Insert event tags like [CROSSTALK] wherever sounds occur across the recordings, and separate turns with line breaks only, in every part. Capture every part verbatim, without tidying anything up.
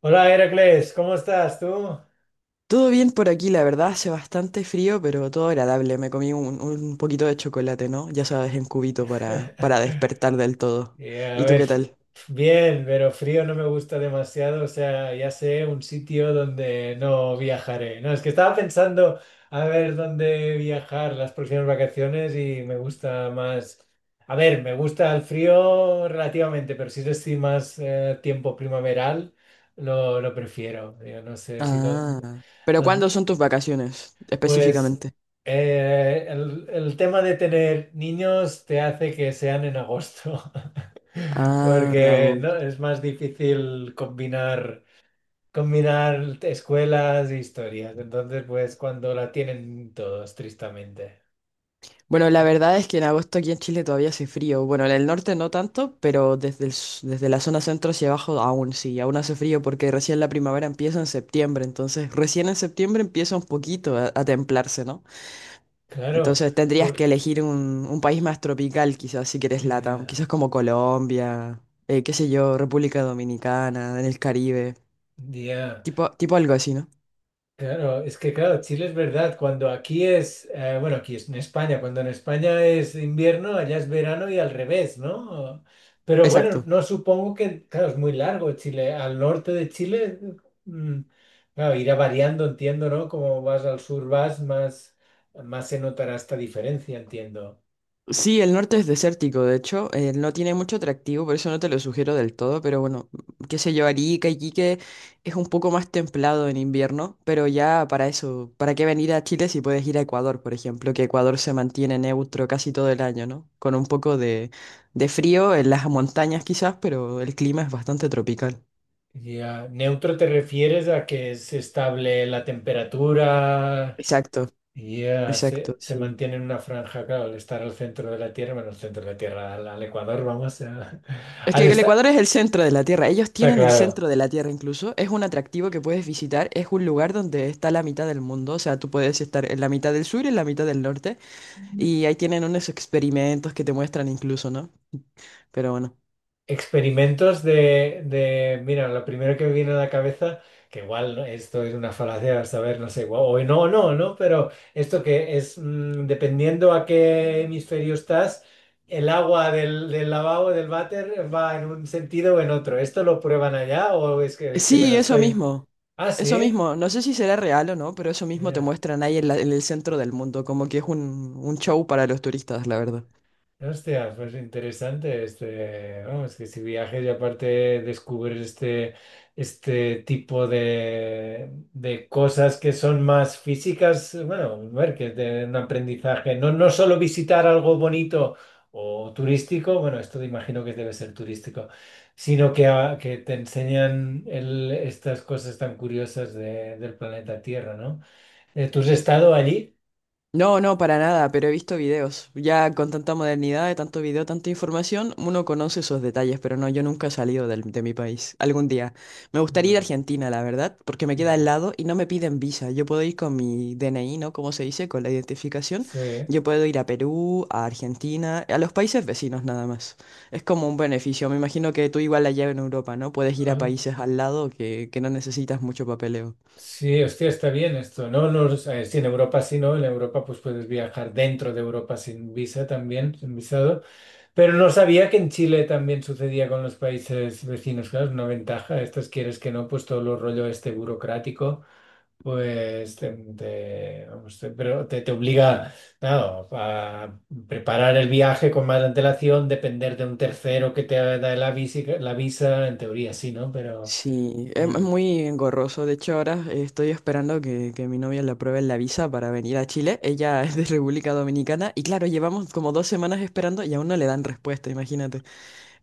Hola Heracles, ¿cómo estás tú?
Todo bien por aquí, la verdad, hace bastante frío, pero todo agradable. Me comí un, un poquito de chocolate, ¿no? Ya sabes, en cubito para, para
[LAUGHS]
despertar del todo.
Eh, a
¿Y tú
ver,
qué
f-
tal?
bien, pero frío no me gusta demasiado, o sea, ya sé un sitio donde no viajaré. No, es que estaba pensando a ver dónde viajar las próximas vacaciones y me gusta más. A ver, me gusta el frío relativamente, pero si es así más eh, tiempo primaveral, lo, lo prefiero. Yo no sé si dónde.
Ah. ¿Pero cuándo son tus vacaciones
Pues
específicamente?
eh, el, el tema de tener niños te hace que sean en agosto, [LAUGHS]
Ah,
porque
agosto.
no, es más difícil combinar, combinar escuelas e historias. Entonces, pues cuando la tienen todos, tristemente.
Bueno, la
¿No?
verdad es que en agosto aquí en Chile todavía hace frío. Bueno, en el norte no tanto, pero desde el s- desde la zona centro hacia abajo aún sí, aún hace frío porque recién la primavera empieza en septiembre, entonces recién en septiembre empieza un poquito a a templarse, ¿no?
Claro,
Entonces tendrías
por,
que elegir un, un país más tropical, quizás si quieres LATAM,
ya,
quizás como Colombia, eh, qué sé yo, República Dominicana, en el Caribe,
ya.
tipo, tipo algo así, ¿no?
Claro, es que claro, Chile es verdad, cuando aquí es, eh, bueno, aquí es en España, cuando en España es invierno, allá es verano y al revés, ¿no? Pero bueno,
Exacto.
no supongo que, claro, es muy largo Chile, al norte de Chile, mm, claro, irá variando, entiendo, ¿no? Como vas al sur vas, más, más se notará esta diferencia, entiendo.
Sí, el norte es desértico, de hecho, eh, no tiene mucho atractivo, por eso no te lo sugiero del todo, pero bueno, qué sé yo, Arica, Iquique es un poco más templado en invierno, pero ya para eso, ¿para qué venir a Chile si puedes ir a Ecuador, por ejemplo, que Ecuador se mantiene neutro casi todo el año, ¿no? Con un poco de, de frío en las montañas quizás, pero el clima es bastante tropical.
Ya, neutro te refieres a que es estable la temperatura.
Exacto,
Y eh,
exacto,
se, se
sí.
mantiene en una franja, claro, al estar al centro de la Tierra, bueno, al centro de la Tierra, al, al Ecuador, vamos, a- [LAUGHS]
Es
al
que el
estar,
Ecuador es el centro de la Tierra. Ellos
está
tienen el
claro.
centro de la Tierra incluso. Es un atractivo que puedes visitar. Es un lugar donde está la mitad del mundo. O sea, tú puedes estar en la mitad del sur y en la mitad del norte. Y ahí tienen unos experimentos que te muestran incluso, ¿no? Pero bueno.
Experimentos de, de, mira, lo primero que me viene a la cabeza, que igual ¿no? esto es una falacia, a saber, no sé, guau, o no, no, no, pero esto que es, mm, dependiendo a qué hemisferio estás, el agua del, del lavabo, del váter, va en un sentido o en otro. ¿Esto lo prueban allá o es que, es que me lo
Sí, eso
estoy?
mismo.
Ah,
Eso
sí.
mismo. No sé si será real o no, pero eso mismo te
Yeah.
muestran ahí en, la- en el centro del mundo. Como que es un, un show para los turistas, la verdad.
Hostia, pues interesante este, vamos, que si viajes y aparte descubres este, este tipo de, de cosas que son más físicas, bueno, a ver que es de un aprendizaje, no, no solo visitar algo bonito o turístico, bueno, esto imagino que debe ser turístico, sino que, a- que te enseñan el- estas cosas tan curiosas de- del planeta Tierra, ¿no? Eh, ¿Tú has estado allí?
No, no, para nada, pero he visto videos. Ya con tanta modernidad, de tanto video, tanta información, uno conoce esos detalles, pero no, yo nunca he salido del- de mi país. Algún día. Me gustaría ir a
Ah,
Argentina, la verdad, porque me queda al
ya.
lado y no me piden visa. Yo puedo ir con mi D N I, ¿no? Como se dice, con la identificación.
Sí.
Yo puedo ir a Perú, a Argentina, a los países vecinos nada más. Es como un beneficio. Me imagino que tú igual allá en Europa, ¿no? Puedes ir a países al lado que, que no necesitas mucho papeleo.
Sí, hostia, está bien esto, ¿no? No, o sea, sí, en Europa sí, ¿no? En Europa pues puedes viajar dentro de Europa sin visa también, sin visado. Pero no sabía que en Chile también sucedía con los países vecinos, claro, es una ventaja. Estos quieres que no, pues todo lo rollo este burocrático, pues te, te- vamos, te- pero te, te obliga, claro, a preparar el viaje con más antelación, depender de un tercero que te da la visa, la visa, en teoría sí, ¿no? Pero
Sí, es, es
ya,
muy engorroso. De hecho, ahora eh, estoy esperando que, que mi novia le apruebe la visa para venir a Chile. Ella [LAUGHS] es de República Dominicana y claro, llevamos como dos semanas esperando y aún no le dan respuesta, imagínate.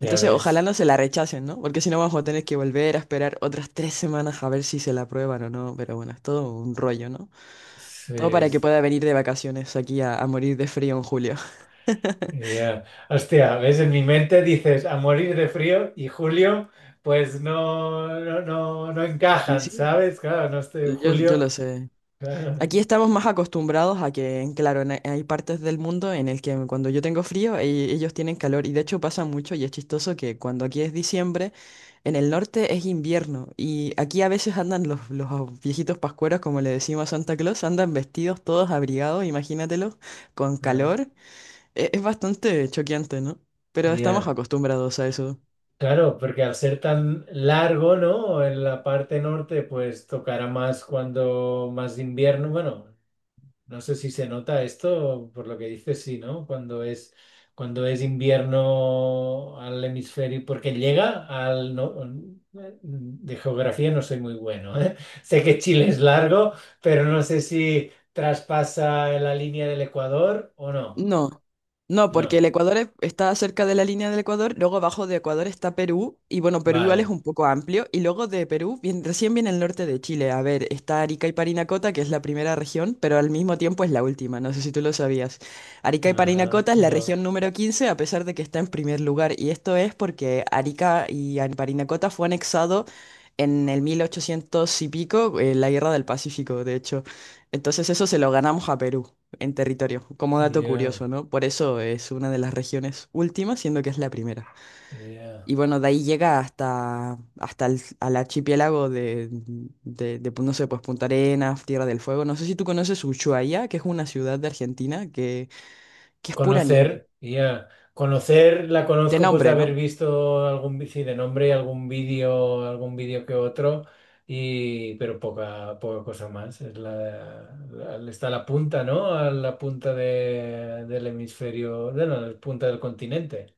ya
ojalá
ves.
no se la rechacen, ¿no? Porque si no, vamos a tener que volver a esperar otras tres semanas a ver si se la aprueban o no. Pero bueno, es todo un rollo, ¿no? Todo
Sí.
para que pueda venir de vacaciones aquí a, a morir de frío en julio. [LAUGHS]
Ya, hostia, ves, en mi mente dices a morir de frío y julio, pues no, no, no, no
Sí,
encajan,
sí.
¿sabes? Claro, no estoy en
Yo, yo
julio.
lo sé.
Claro,
Aquí estamos más acostumbrados a que, claro, en- hay partes del mundo en el que cuando yo tengo frío, e- ellos tienen calor. Y de hecho pasa mucho y es chistoso que cuando aquí es diciembre, en el norte es invierno. Y aquí a veces andan los, los viejitos pascueros, como le decimos a Santa Claus, andan vestidos todos abrigados, imagínatelo, con
ah,
calor. E- es bastante choqueante, ¿no? Pero estamos
ya.
acostumbrados a eso.
Claro, porque al ser tan largo, ¿no? En la parte norte, pues tocará más cuando más invierno, bueno. No sé si se nota esto, por lo que dices, sí, ¿no? Cuando es, cuando es invierno al hemisferio, porque llega al. No. Mm, eh, mm, de geografía no soy muy bueno, ¿eh? [LAUGHS] Sé que Chile es largo, pero no sé si traspasa la línea del Ecuador o no.
No, no, porque
No.
el Ecuador es- está cerca de la línea del Ecuador, luego abajo de Ecuador está Perú, y bueno, Perú igual es
Vale.
un poco amplio, y luego de Perú viene- recién viene el norte de Chile. A ver, está Arica y Parinacota, que es la primera región, pero al mismo tiempo es la última, no sé si tú lo sabías. Arica y
Ajá,
Parinacota es la
no.
región número quince a pesar de que está en primer lugar, y esto es porque Arica y An- Parinacota fue anexado en el mil ochocientos y pico, en la Guerra del Pacífico, de hecho. Entonces eso se lo ganamos a Perú en territorio, como dato
Yeah,
curioso, ¿no? Por eso es una de las regiones últimas, siendo que es la primera.
yeah.
Y bueno, de ahí llega hasta, hasta el, al archipiélago de, de, de, pues, no sé, pues Punta Arenas, Tierra del Fuego. No sé si tú conoces Ushuaia, que es una ciudad de Argentina que, que es pura nieve.
Conocer, ya. Conocer, la
De
conozco pues de
nombre,
haber
¿no?
visto algún vi- sí, de nombre y algún vídeo, algún vídeo que otro, y pero poca, poca cosa más. Es la, la- está a la punta, ¿no? A la punta de- del hemisferio, bueno, la punta del continente.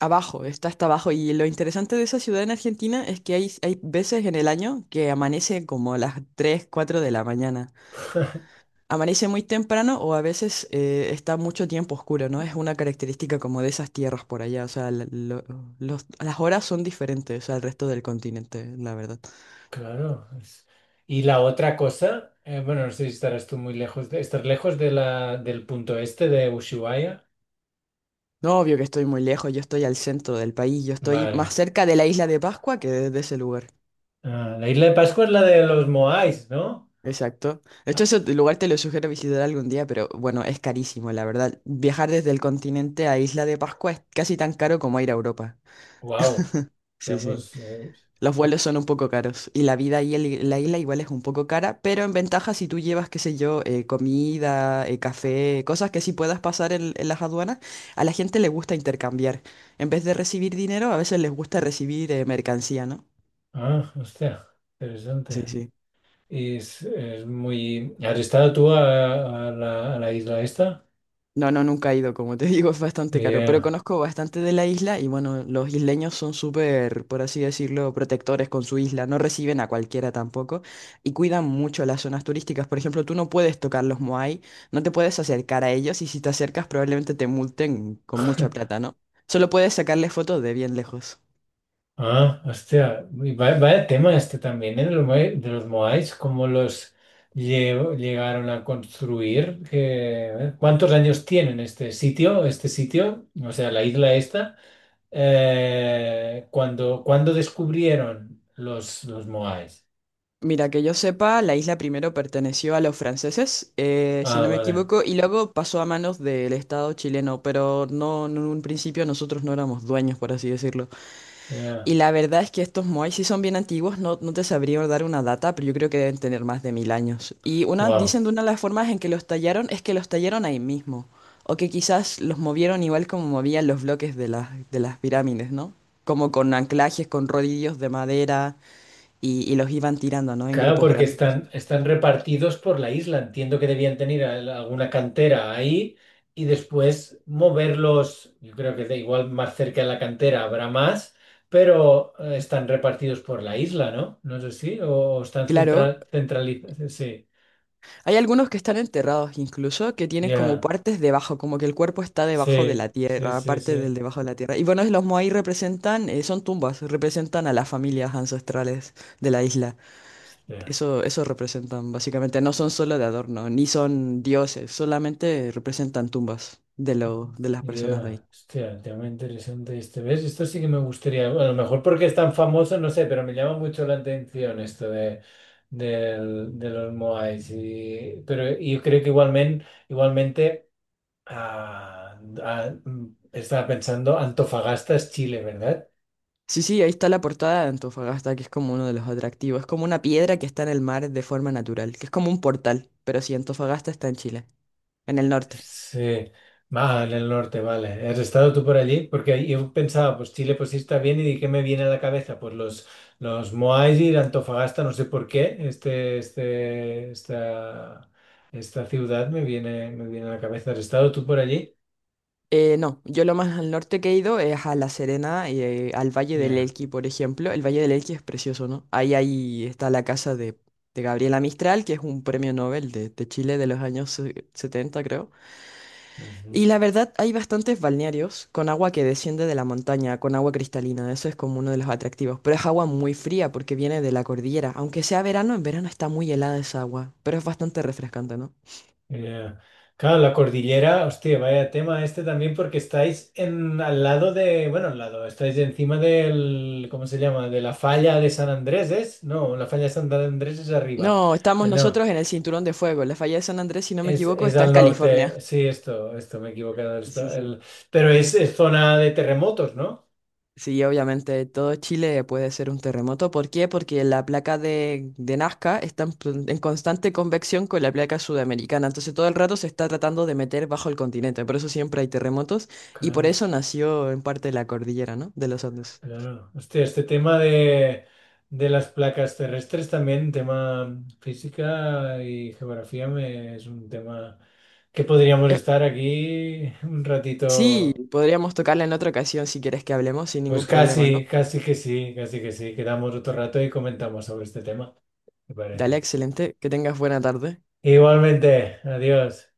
Abajo, está hasta abajo. Y lo interesante de esa ciudad en Argentina es que hay, hay veces en el año que amanece como a las tres cuatro de la mañana.
[LAUGHS]
Amanece muy temprano o a veces eh, está mucho tiempo oscuro, ¿no? Es una característica como de esas tierras por allá, o sea, la- lo- los- las horas son diferentes al resto del continente, la verdad.
Claro. es- Y la otra cosa, eh, bueno, no sé si estarás tú muy lejos de, estás lejos de la, del punto este de Ushuaia.
No, obvio que estoy muy lejos, yo estoy al centro del país, yo estoy más
Vale.
cerca de la isla de Pascua que de, de ese lugar.
Ah, la isla de Pascua es la de los Moais, ¿no?
Exacto. De hecho,
Ah,
ese lugar te lo sugiero visitar algún día, pero bueno, es carísimo, la verdad. Viajar desde el continente a Isla de Pascua es casi tan caro como ir a Europa.
wow,
Sí, sí.
pues, eh,
Los
eh,
vuelos son un poco caros y la vida ahí en la isla igual es un poco cara, pero en ventaja si tú llevas, qué sé yo, eh, comida, eh, café, cosas que sí puedas pasar en, en las aduanas, a la gente le gusta intercambiar. En vez de recibir dinero, a veces les gusta recibir eh, mercancía, ¿no?
ah, hostia,
Sí,
interesante.
sí.
Y es, es muy. ¿Has estado tú a, a la, a la isla esta?
No, no, nunca he ido, como te [LAUGHS] digo, es bastante caro,
Eh,
pero conozco bastante de la isla y bueno, los isleños son súper, por así decirlo, protectores con su isla, no reciben a cualquiera tampoco y cuidan mucho las zonas turísticas. Por ejemplo, tú no puedes tocar los moai, no te puedes acercar a ellos y si te acercas probablemente te multen con mucha plata, ¿no? Solo puedes sacarles fotos de bien lejos.
ah, hostia, y va- vaya, tema este también, ¿eh? De los, Moai- de los Moais, cómo los lle- llegaron a construir. Que- ¿cuántos años tienen este sitio, este sitio? O sea, la isla esta. Eh, cuando, cuando descubrieron los, los Moais.
Mira, que yo sepa, la isla primero perteneció a los franceses, eh, si
Ah,
no me
vale.
equivoco, y luego pasó a manos del Estado chileno, pero no, no en un principio nosotros no éramos dueños, por así decirlo. Y
Ya.
la verdad es que estos moais sí son bien antiguos, no, no te sabría dar una data, pero yo creo que deben tener más de mil años. Y una,
Wow.
dicen de una de las formas en que los tallaron es que los tallaron ahí mismo, o que quizás los movieron igual como movían los bloques de las, de las pirámides, ¿no? Como con anclajes, con rodillos de madera, y, y los iban tirando, ¿no? En
Claro,
grupos
porque
grandes.
están, están repartidos por la isla. Entiendo que debían tener al- alguna cantera ahí y después moverlos. Yo creo que da igual, más cerca de la cantera habrá más, pero eh, están repartidos por la isla, ¿no? No sé si, o, o están
Claro,
central, centralizados. Sí,
hay algunos que están enterrados incluso, que tienen como
ya.
partes debajo, como que el cuerpo está debajo de
Sí,
la
sí,
tierra,
sí,
parte del
sí.
debajo de la tierra. Y bueno, los Moai representan, eh, son tumbas, representan a las familias ancestrales de la isla.
Hostia.
Eso, eso representan básicamente, no son solo de adorno, ni son dioses, solamente representan tumbas de,
Ah,
lo, de las personas de ahí.
ya, hostia, tema interesante este. ¿Ves? Esto sí que me gustaría. A lo mejor porque es tan famoso, no sé, pero me llama mucho la atención esto de, del- de los Moais. Y, pero yo creo que igualmente, igualmente ah, ah, mm, estaba pensando, Antofagasta es Chile, ¿verdad?
Sí, sí, ahí está la portada de Antofagasta, que es como uno de los atractivos. Es como una piedra que está en el mar de forma natural, que es como un portal, pero sí, Antofagasta está en Chile, en el norte.
Sí, vale, el norte, vale. ¿Has estado tú por allí? Porque yo pensaba, pues Chile, pues sí está bien, y di, ¿qué me viene a la cabeza? Pues los, los Moais y la Antofagasta, no sé por qué, este, este, esta, esta ciudad me viene, me viene a la cabeza. ¿Has estado tú por allí?
Eh, no, yo lo más al norte que he ido es a La Serena, y eh, al Valle del
Ya.
Elqui, por ejemplo. El Valle del Elqui es precioso, ¿no? Ahí, ahí está la casa de, de Gabriela Mistral, que es un premio Nobel de, de Chile de los años eh, setenta, creo.
Ujú.
Y la verdad, hay bastantes balnearios con agua que desciende de la montaña, con agua cristalina. Eso es como uno de los atractivos. Pero es agua muy fría porque viene de la cordillera. Aunque sea verano, en verano está muy helada esa agua, pero es bastante refrescante, ¿no?
Ya. Claro, la cordillera, hostia, vaya tema este también porque estáis en al lado de, bueno, al lado, estáis encima del, ¿cómo se llama? De la falla de San Andrés, ¿es? No, la falla de San Andrés es arriba.
No, estamos
Eh, No,
nosotros en el Cinturón de Fuego. La falla de San Andrés, si no me
es,
equivoco,
es
está en
al
California.
norte. Sí, esto, esto, me he equivocado. Esto,
Sí, sí.
el, pero es, es zona de terremotos, ¿no?
Sí, obviamente todo Chile puede ser un terremoto. ¿Por qué? Porque la placa de, de Nazca está en, pl- en constante convección con la placa sudamericana. Entonces todo el rato se está tratando de meter bajo el continente. Por eso siempre hay terremotos y por
Claro.
eso nació en parte la cordillera, ¿no? De los Andes.
Claro. Hostia, este tema de, de las placas terrestres también, tema física y geografía, me- es un tema que podríamos
Eh,
estar aquí un
sí,
ratito.
podríamos tocarla en otra ocasión si quieres que hablemos sin
Pues
ningún problema,
casi,
¿no?
casi que sí, casi que sí. Quedamos otro rato y comentamos sobre este tema, me
Dale,
parece.
excelente. Que tengas buena tarde.
Igualmente, adiós.